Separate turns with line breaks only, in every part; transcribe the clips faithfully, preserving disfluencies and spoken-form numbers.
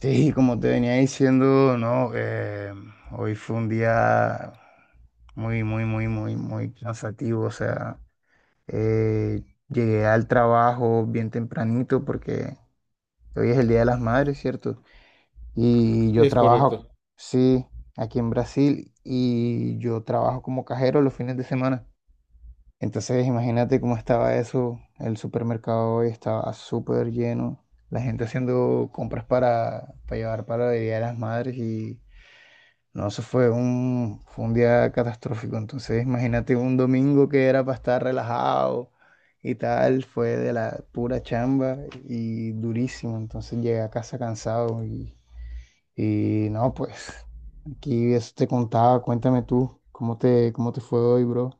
Sí, como te venía diciendo, no, eh, hoy fue un día muy, muy, muy, muy, muy cansativo. O sea, eh, llegué al trabajo bien tempranito porque hoy es el Día de las Madres, ¿cierto? Y yo
Es correcto.
trabajo, sí, aquí en Brasil y yo trabajo como cajero los fines de semana. Entonces, imagínate cómo estaba eso. El supermercado hoy estaba súper lleno. La gente haciendo compras para, para llevar para el Día de las Madres y... No, eso fue un, fue un día catastrófico. Entonces, imagínate un domingo que era para estar relajado y tal, fue de la pura chamba y durísimo. Entonces llegué a casa cansado y, y no, pues aquí eso te contaba. Cuéntame tú, ¿cómo te, cómo te fue hoy, bro?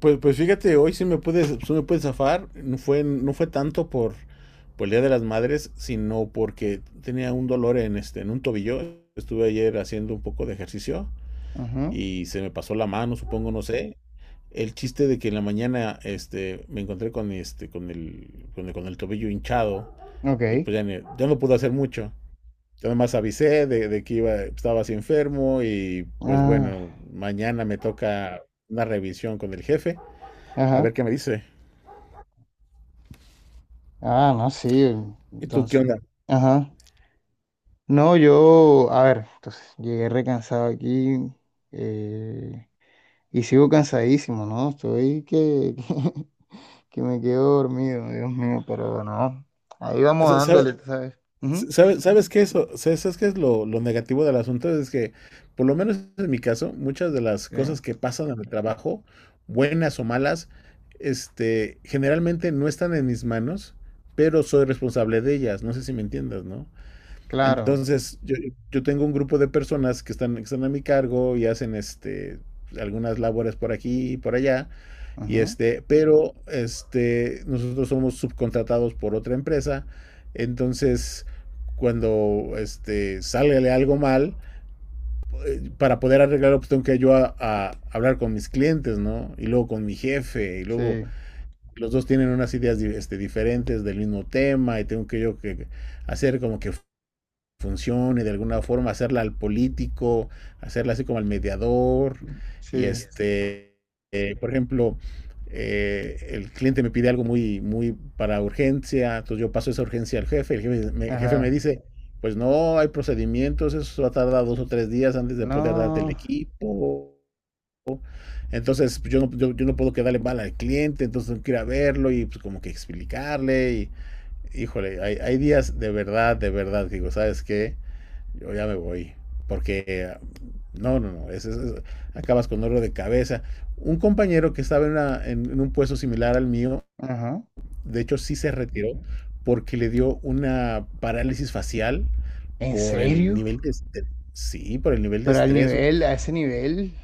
Pues, pues fíjate, hoy sí me pude, sí me pude zafar. No fue, no fue tanto por, por el Día de las Madres, sino porque tenía un dolor en, este, en un tobillo. Estuve ayer haciendo un poco de ejercicio
Ujú.
y se me pasó la mano, supongo, no sé. El chiste de que en la mañana este, me encontré con, este, con, el, con, el, con el tobillo hinchado y
Ok.
pues ya, ni- ya no pude hacer mucho. Yo nomás avisé de, de que iba, estaba así enfermo y pues
Ah,
bueno, mañana me toca una revisión con el jefe a ver
ajá.
qué me dice.
Ah, no, sí.
¿Y tú qué
Entonces,
onda?
ajá. No, yo, a ver, entonces llegué recansado aquí. eh, Y sigo cansadísimo, ¿no? Estoy que, que, me quedo dormido, Dios mío, pero no. Ahí vamos
¿Sabes,
dándole, tú ¿sabes? Ujú.
sabes, sabes qué eso? sa- ¿Sabes qué es lo, lo negativo del asunto? Es que, por lo menos en mi caso, muchas de las
Sí,
cosas que pasan en el trabajo, buenas o malas, este, generalmente no están en mis manos, pero soy responsable de ellas. No sé si me entiendas, ¿no?
claro.
Entonces, yo, yo tengo un grupo de personas que están, que están a mi cargo y hacen este, algunas labores por aquí y por allá. Y
Ujú.
este, pero este, nosotros somos subcontratados por otra empresa. Entonces, cuando este, sale algo mal, para poder arreglarlo, pues tengo que yo a, a hablar con mis clientes, ¿no? Y luego con mi jefe, y luego
Sí,
los dos tienen unas ideas este, diferentes del mismo tema, y tengo que yo que hacer como que funcione de alguna forma, hacerla al político, hacerla así como al mediador. Y
sí.
este, eh, por ejemplo, eh, el cliente me pide algo muy, muy para urgencia, entonces yo paso esa urgencia al jefe, el jefe me, el jefe me
Ajá.
dice, pues no, hay procedimientos, eso va a tardar dos o tres días antes de poder darte el
No.
equipo. Entonces pues, yo no, yo, yo no puedo quedarle mal al cliente, entonces tengo que ir a verlo y pues como que explicarle. Y, híjole, hay, hay días de verdad, de verdad, digo, ¿sabes qué? Yo ya me voy. Porque no, no, no, es, es, es, acabas con oro de cabeza. Un compañero que estaba en, una, en, en un puesto similar al mío,
Ajá.
de hecho sí se retiró porque le dio una parálisis facial
¿En
por el
serio?
nivel de estrés. Sí, por el nivel de
Pero al
estrés.
nivel, a ese nivel,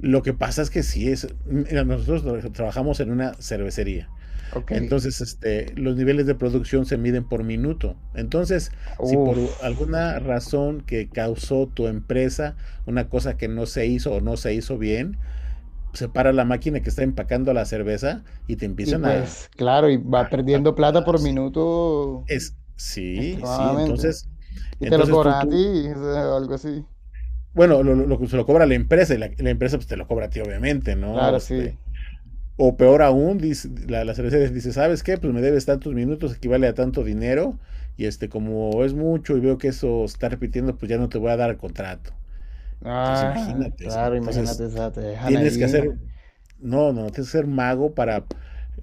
Lo que pasa es que sí es. Mira, nosotros tra- trabajamos en una cervecería.
ok.
Entonces, este, los niveles de producción se miden por minuto. Entonces, si
Uf.
por alguna razón que causó tu empresa una cosa que no se hizo o no se hizo bien, se para la máquina que está empacando la cerveza y te
Y
empiezan
pues,
a,
claro, y
a,
va
a
perdiendo plata
cuidar,
por
¿sí?
minuto
Es, sí, sí,
extremadamente.
entonces,
Y te lo
entonces tú,
cobran a ti,
tú,
o sea, o algo así.
bueno, lo, lo, lo- se lo cobra la empresa y la, la empresa pues te lo cobra a ti, obviamente, ¿no?
Claro, sí.
Este, O peor aún, dice, la, la cervecería dice, ¿sabes qué? Pues me debes tantos minutos, equivale a tanto dinero, y este, como es mucho y veo que eso está repitiendo, pues ya no te voy a dar el contrato. Entonces
Ah,
imagínate, sí.
claro, imagínate,
Entonces
o te dejan
tienes que
ahí.
hacer no, no, tienes que ser mago para,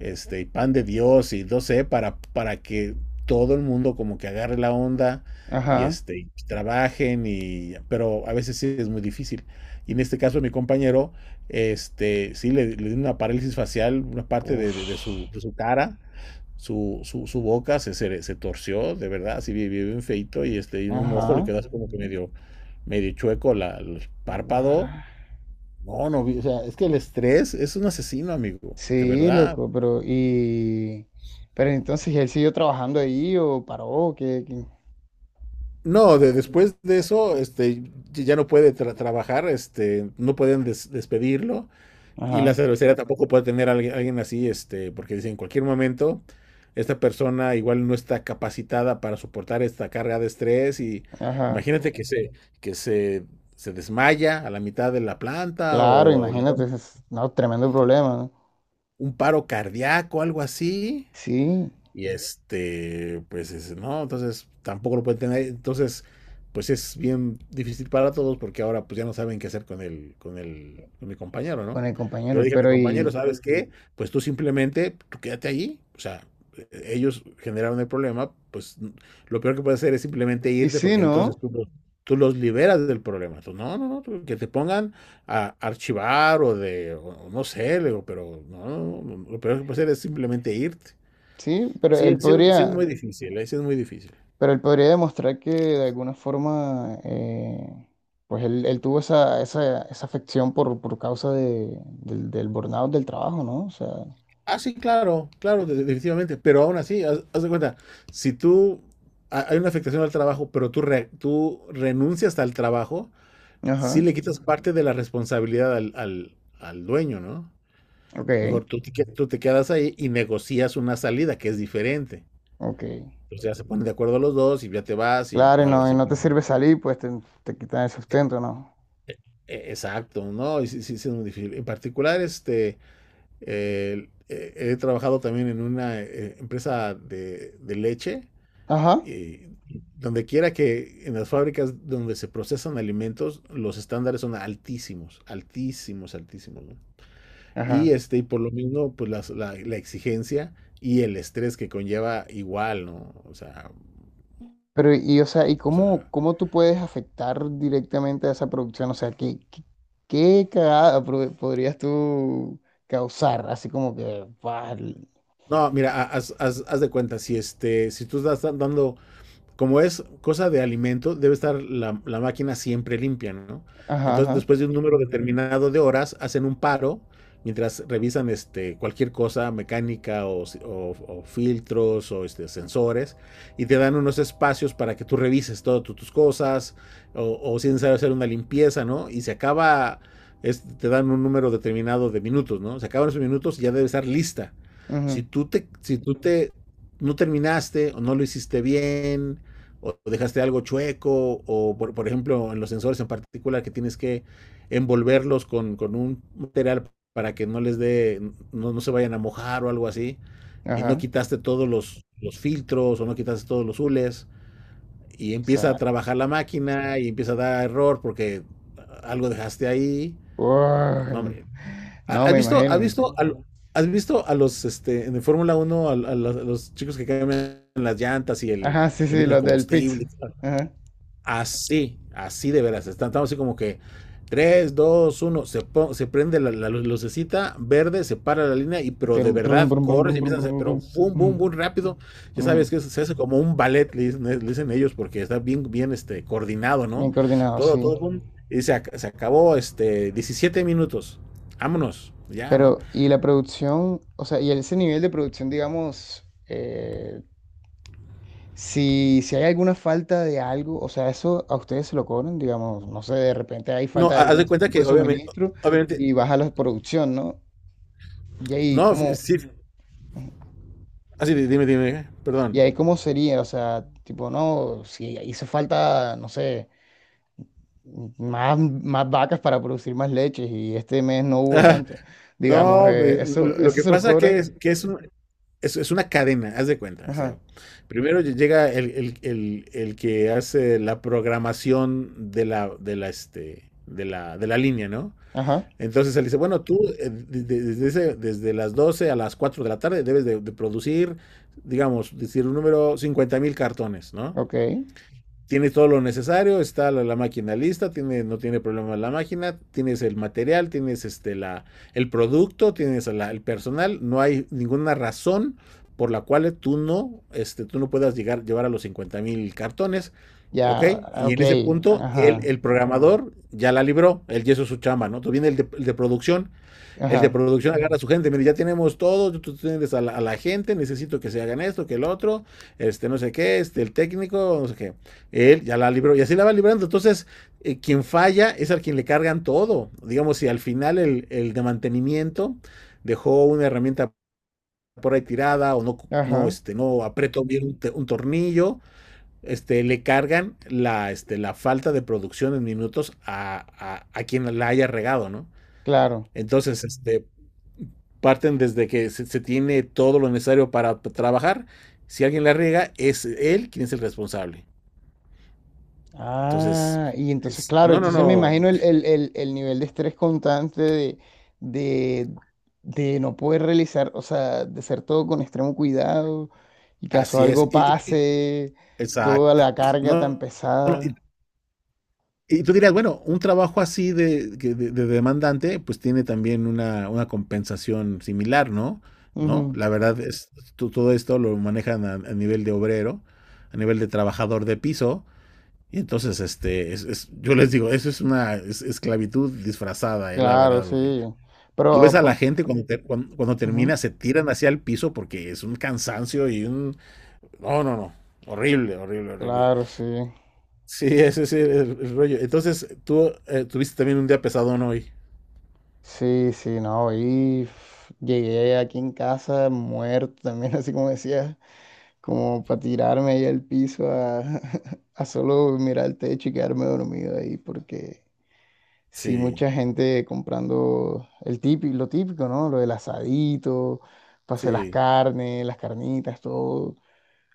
este, y pan de Dios y no sé, para, para que todo el mundo como que agarre la onda y
Ajá.
este, y trabajen y, pero a veces sí es muy difícil. Y en este caso mi compañero, este, sí le, le dio una parálisis facial, una parte de,
Uf.
de- de su, de su cara, su, su, su boca se, se, se torció, de verdad, así bien, bien bien feito y este, y un ojo le
Ajá.
quedó así como que medio, medio chueco la, el párpado
Guau.
no, no, vi- o sea, es que el estrés es un asesino, amigo, de
Sí,
verdad.
loco, pero y pero entonces él siguió trabajando ahí o paró, que…
No, de- después de eso, este, ya ya no puede tra- trabajar, este, no pueden des- despedirlo y la
Ajá.
cervecería tampoco puede tener a alguien, alguien así, este, porque dicen, en cualquier momento esta persona igual no está capacitada para soportar esta carga de estrés y
Ajá.
imagínate que se, que se, se desmaya a la mitad de la planta
Claro,
o le da
imagínate,
un,
es no, tremendo problema, ¿no?
un paro cardíaco, algo así.
Sí,
Y este, pues es- no, entonces tampoco lo pueden tener. Entonces, pues es bien difícil para todos porque ahora pues ya no saben qué hacer con el, con el, con mi compañero,
con
¿no?
el
Yo le
compañero,
dije a mi
pero
compañero,
y…
¿sabes qué? Pues tú simplemente, tú quédate allí. O sea, e- ellos generaron el problema, pues n- lo peor que puedes hacer es simplemente
y
irte
sí,
porque entonces
¿no?
tú los, tú los liberas del problema. Tú, no, no, no, tú- que te pongan a archivar o de, o- o no sé, le digo, pero no, no, no, no, lo peor que puedes hacer es simplemente irte.
Sí, pero
Sí,
él
sí es, sí es
podría…
muy difícil, eh, sí es muy difícil.
Pero él podría demostrar que de alguna forma, eh, pues él, él tuvo esa, esa, esa afección por, por causa de, del, del burnout del trabajo, ¿no? O sea,
Ah, sí, claro, claro, de- definitivamente, pero aún así, haz, haz de cuenta, si tú, ha- hay una afectación al trabajo, pero tú, re- tú renuncias al trabajo, sí
ajá,
le quitas parte de la responsabilidad al, al- al dueño, ¿no?
ok,
Mejor tú te, que- tú te quedas ahí y negocias una salida que es diferente.
ok.
Entonces ya se ponen de acuerdo los dos y ya te vas y
Claro, y
o algo
no, y
así.
no te sirve salir, pues te, te quitan el sustento, ¿no?
E- Exacto, ¿no? Y sí, sí, sí es muy difícil. En particular, este... Eh, eh, he trabajado también en una eh, empresa de, de leche
Ajá,
y donde quiera que en las fábricas donde se procesan alimentos, los estándares son altísimos, altísimos, altísimos, ¿no? Y
ajá.
este, y por lo mismo, pues las- la, la exigencia y el estrés que conlleva igual, ¿no? O sea,
Pero, y o sea, ¿y
o
cómo,
sea,
cómo tú puedes afectar directamente a esa producción? O sea, ¿qué, qué, qué cagada pro- podrías tú causar? Así como que, ¡buah!
no, mira, ha- haz, haz- haz de cuenta, si este, si tú estás dan- dando como es cosa de alimento, debe estar la, la máquina siempre limpia, ¿no?
Ajá,
Entonces,
ajá,
después de un número determinado de horas, hacen un paro mientras revisan este, cualquier cosa mecánica o, si, o- o filtros o este, sensores y te dan unos espacios para que tú revises todas tu- tus cosas o, o si es necesario hacer una limpieza, ¿no? Y se acaba, es- te dan un número determinado de minutos, ¿no? Se acaban esos minutos y ya debe estar lista. Si
ujú,
tú te, si tú te no terminaste o no lo hiciste bien o dejaste algo chueco, o por, por, ejemplo en los sensores en particular que tienes que envolverlos con, con un material para que no les dé, no, no, se vayan a mojar o algo así, y no
ajá.
quitaste todos los, los filtros o no quitaste todos los hules, y
O
empieza a
sea,
trabajar la máquina y empieza a dar error porque algo dejaste ahí. No,
uy,
hombre.
no
¿Has
me
visto, has
imagino.
visto, a, has visto a los, este, en Fórmula Uno a, a, los, a, los chicos que cambian las llantas y el,
Ajá, sí,
le
sí,
meten el
los del Pix.
combustible?
Ajá.
Así, así de veras. Estamos así como que tres dos uno se, se prende la, la lucecita verde, se para la línea, y
Y
pero de
trum, trum,
verdad
brum, brum,
corres y
brum, brum,
empiezas a hacer,
brum,
pero
brum.
boom,
Mm,
boom, boom, rápido. Ya
mm.
sabes que se hace como un ballet, le dicen, le dicen ellos, porque está bien, bien este, coordinado,
Bien
¿no?
coordinado,
Todo, todo,
sí.
boom. Y se, ac- se acabó este, diecisiete minutos. Vámonos, ya, ¿no?
Pero, y la producción, o sea, y ese nivel de producción, digamos, eh, si, si hay alguna falta de algo, o sea, eso a ustedes se lo cobran, digamos, no sé, de repente hay
No,
falta de
ha- haz
algún
de cuenta
tipo de
que obviamente,
suministro
obviamente,
y baja la producción, ¿no? Y ahí,
no, fi-
como.
sí, así, dime, dime,
Y
perdón.
ahí cómo sería, o sea, tipo, no, si hizo falta, no sé, más, más vacas para producir más leches y este mes no hubo tanto. Digamos,
No, pues,
eh, eso,
lo
eso
que
se los
pasa que
cobran.
es que es, un- es, es una cadena, haz de cuenta. O sea,
Ajá,
primero llega el, el- el- el que hace la programación de la, de la, este, de la, de la línea, ¿no?
ajá,
Entonces él dice, bueno, tú eh, de- de- desde, ese- desde las doce a las cuatro de la tarde debes de, de producir, digamos, decir un número cincuenta mil cartones, ¿no?
ok.
Tiene todo lo necesario, está la, la, máquina lista, tiene, no tiene problema la máquina, tienes el material, tienes este, la, el producto, tienes la, el personal, no hay ninguna razón por la cual tú no, este, tú no puedas llegar, llevar a los cincuenta mil cartones, ¿ok?
Ya,
Y
ok,
en ese punto, el,
ajá,
el programador ya la libró, él ya hizo su chamba, ¿no? Tú viene el de, el de producción, el de
ajá,
producción agarra a su gente, mire, ya tenemos todo, tú tienes a la, a la, gente, necesito que se hagan esto, que el otro, este, no sé qué, este, el técnico, no sé qué. Él ya la libró y así la va librando. Entonces, eh, quien falla es al quien le cargan todo. Digamos, si al final el, el de mantenimiento dejó una herramienta por ahí tirada o no, no,
ajá,
este, no apretó bien un, un tornillo, este, le cargan la, este, la falta de producción en minutos a, a, a, quien la haya regado, ¿no?
claro.
Entonces, este, parten desde que se, se tiene todo lo necesario para p- trabajar. Si alguien la riega, es él quien es el responsable. Entonces,
Ah, y entonces,
es-
claro,
no, no,
entonces me
no,
imagino el, el- el- el nivel de estrés constante de, de, de no poder realizar, o sea, de ser todo con extremo cuidado y caso
así es.
algo
Y- y- y-
pase, toda
exacto.
la carga tan
No, no, no, y,
pesada.
y tú dirías, bueno, un trabajo así de, que de- de demandante, pues tiene también una, una compensación similar, ¿no? ¿No?
Ujú.
La verdad es, to- todo esto lo manejan a, a nivel de obrero, a nivel de trabajador de piso. Y entonces, este, es, es- yo les digo, eso es una es- esclavitud disfrazada, eh, la
Claro,
verdad,
sí.
porque tú ves
Pero,
a la
por-
gente cuando, te- cuan- cuando
ujú,
termina, se tiran hacia el piso porque es un cansancio y un... No, no, no, horrible, horrible, horrible.
claro, sí.
Sí, ese es el, el- el rollo. Entonces, tú eh, tuviste también un día pesado, ¿no?, hoy.
Sí, sí, no, y f- llegué aquí en casa muerto también, así como decías. Como para tirarme ahí al piso a, a solo mirar el techo y quedarme dormido ahí, porque sí,
Sí,
mucha gente comprando el típico, lo típico, ¿no? Lo del asadito, pase las
sí,
carnes, las carnitas, todo.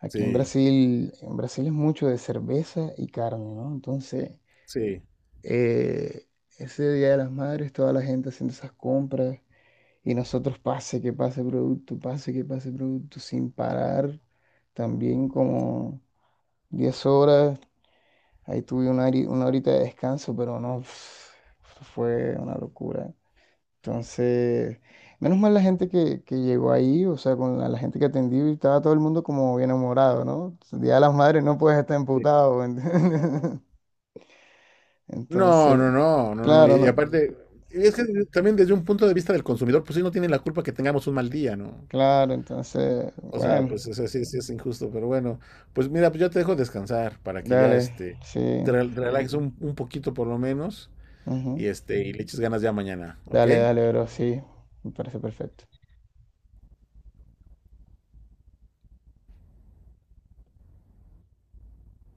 Aquí en
sí,
Brasil, en Brasil es mucho de cerveza y carne, ¿no? Entonces,
sí.
eh, ese Día de las Madres, toda la gente haciendo esas compras. Y nosotros pase que pase producto, pase que pase producto, sin parar. También como diez horas, ahí tuve una, hori- una horita de descanso, pero no, pf, fue una locura. Entonces, menos mal la gente que, que llegó ahí, o sea, con la, la gente que atendí, estaba todo el mundo como bien enamorado, ¿no? El Día de las Madres no puedes estar emputado, ¿entiendes?
No, no,
Entonces,
no, no, no.
claro,
Y, y
¿no?
aparte, es que también desde un punto de vista del consumidor, pues sí, no tiene la culpa que tengamos un mal día, ¿no?
Claro, entonces,
O sea,
bueno,
pues o sea, sí, sí es injusto, pero bueno, pues mira, pues yo te dejo descansar para que ya
dale,
este te
sí,
rel- relajes un, un poquito por lo menos
ujú.
y este y le eches ganas ya mañana, ¿ok?
Dale, dale, bro, sí, me parece perfecto.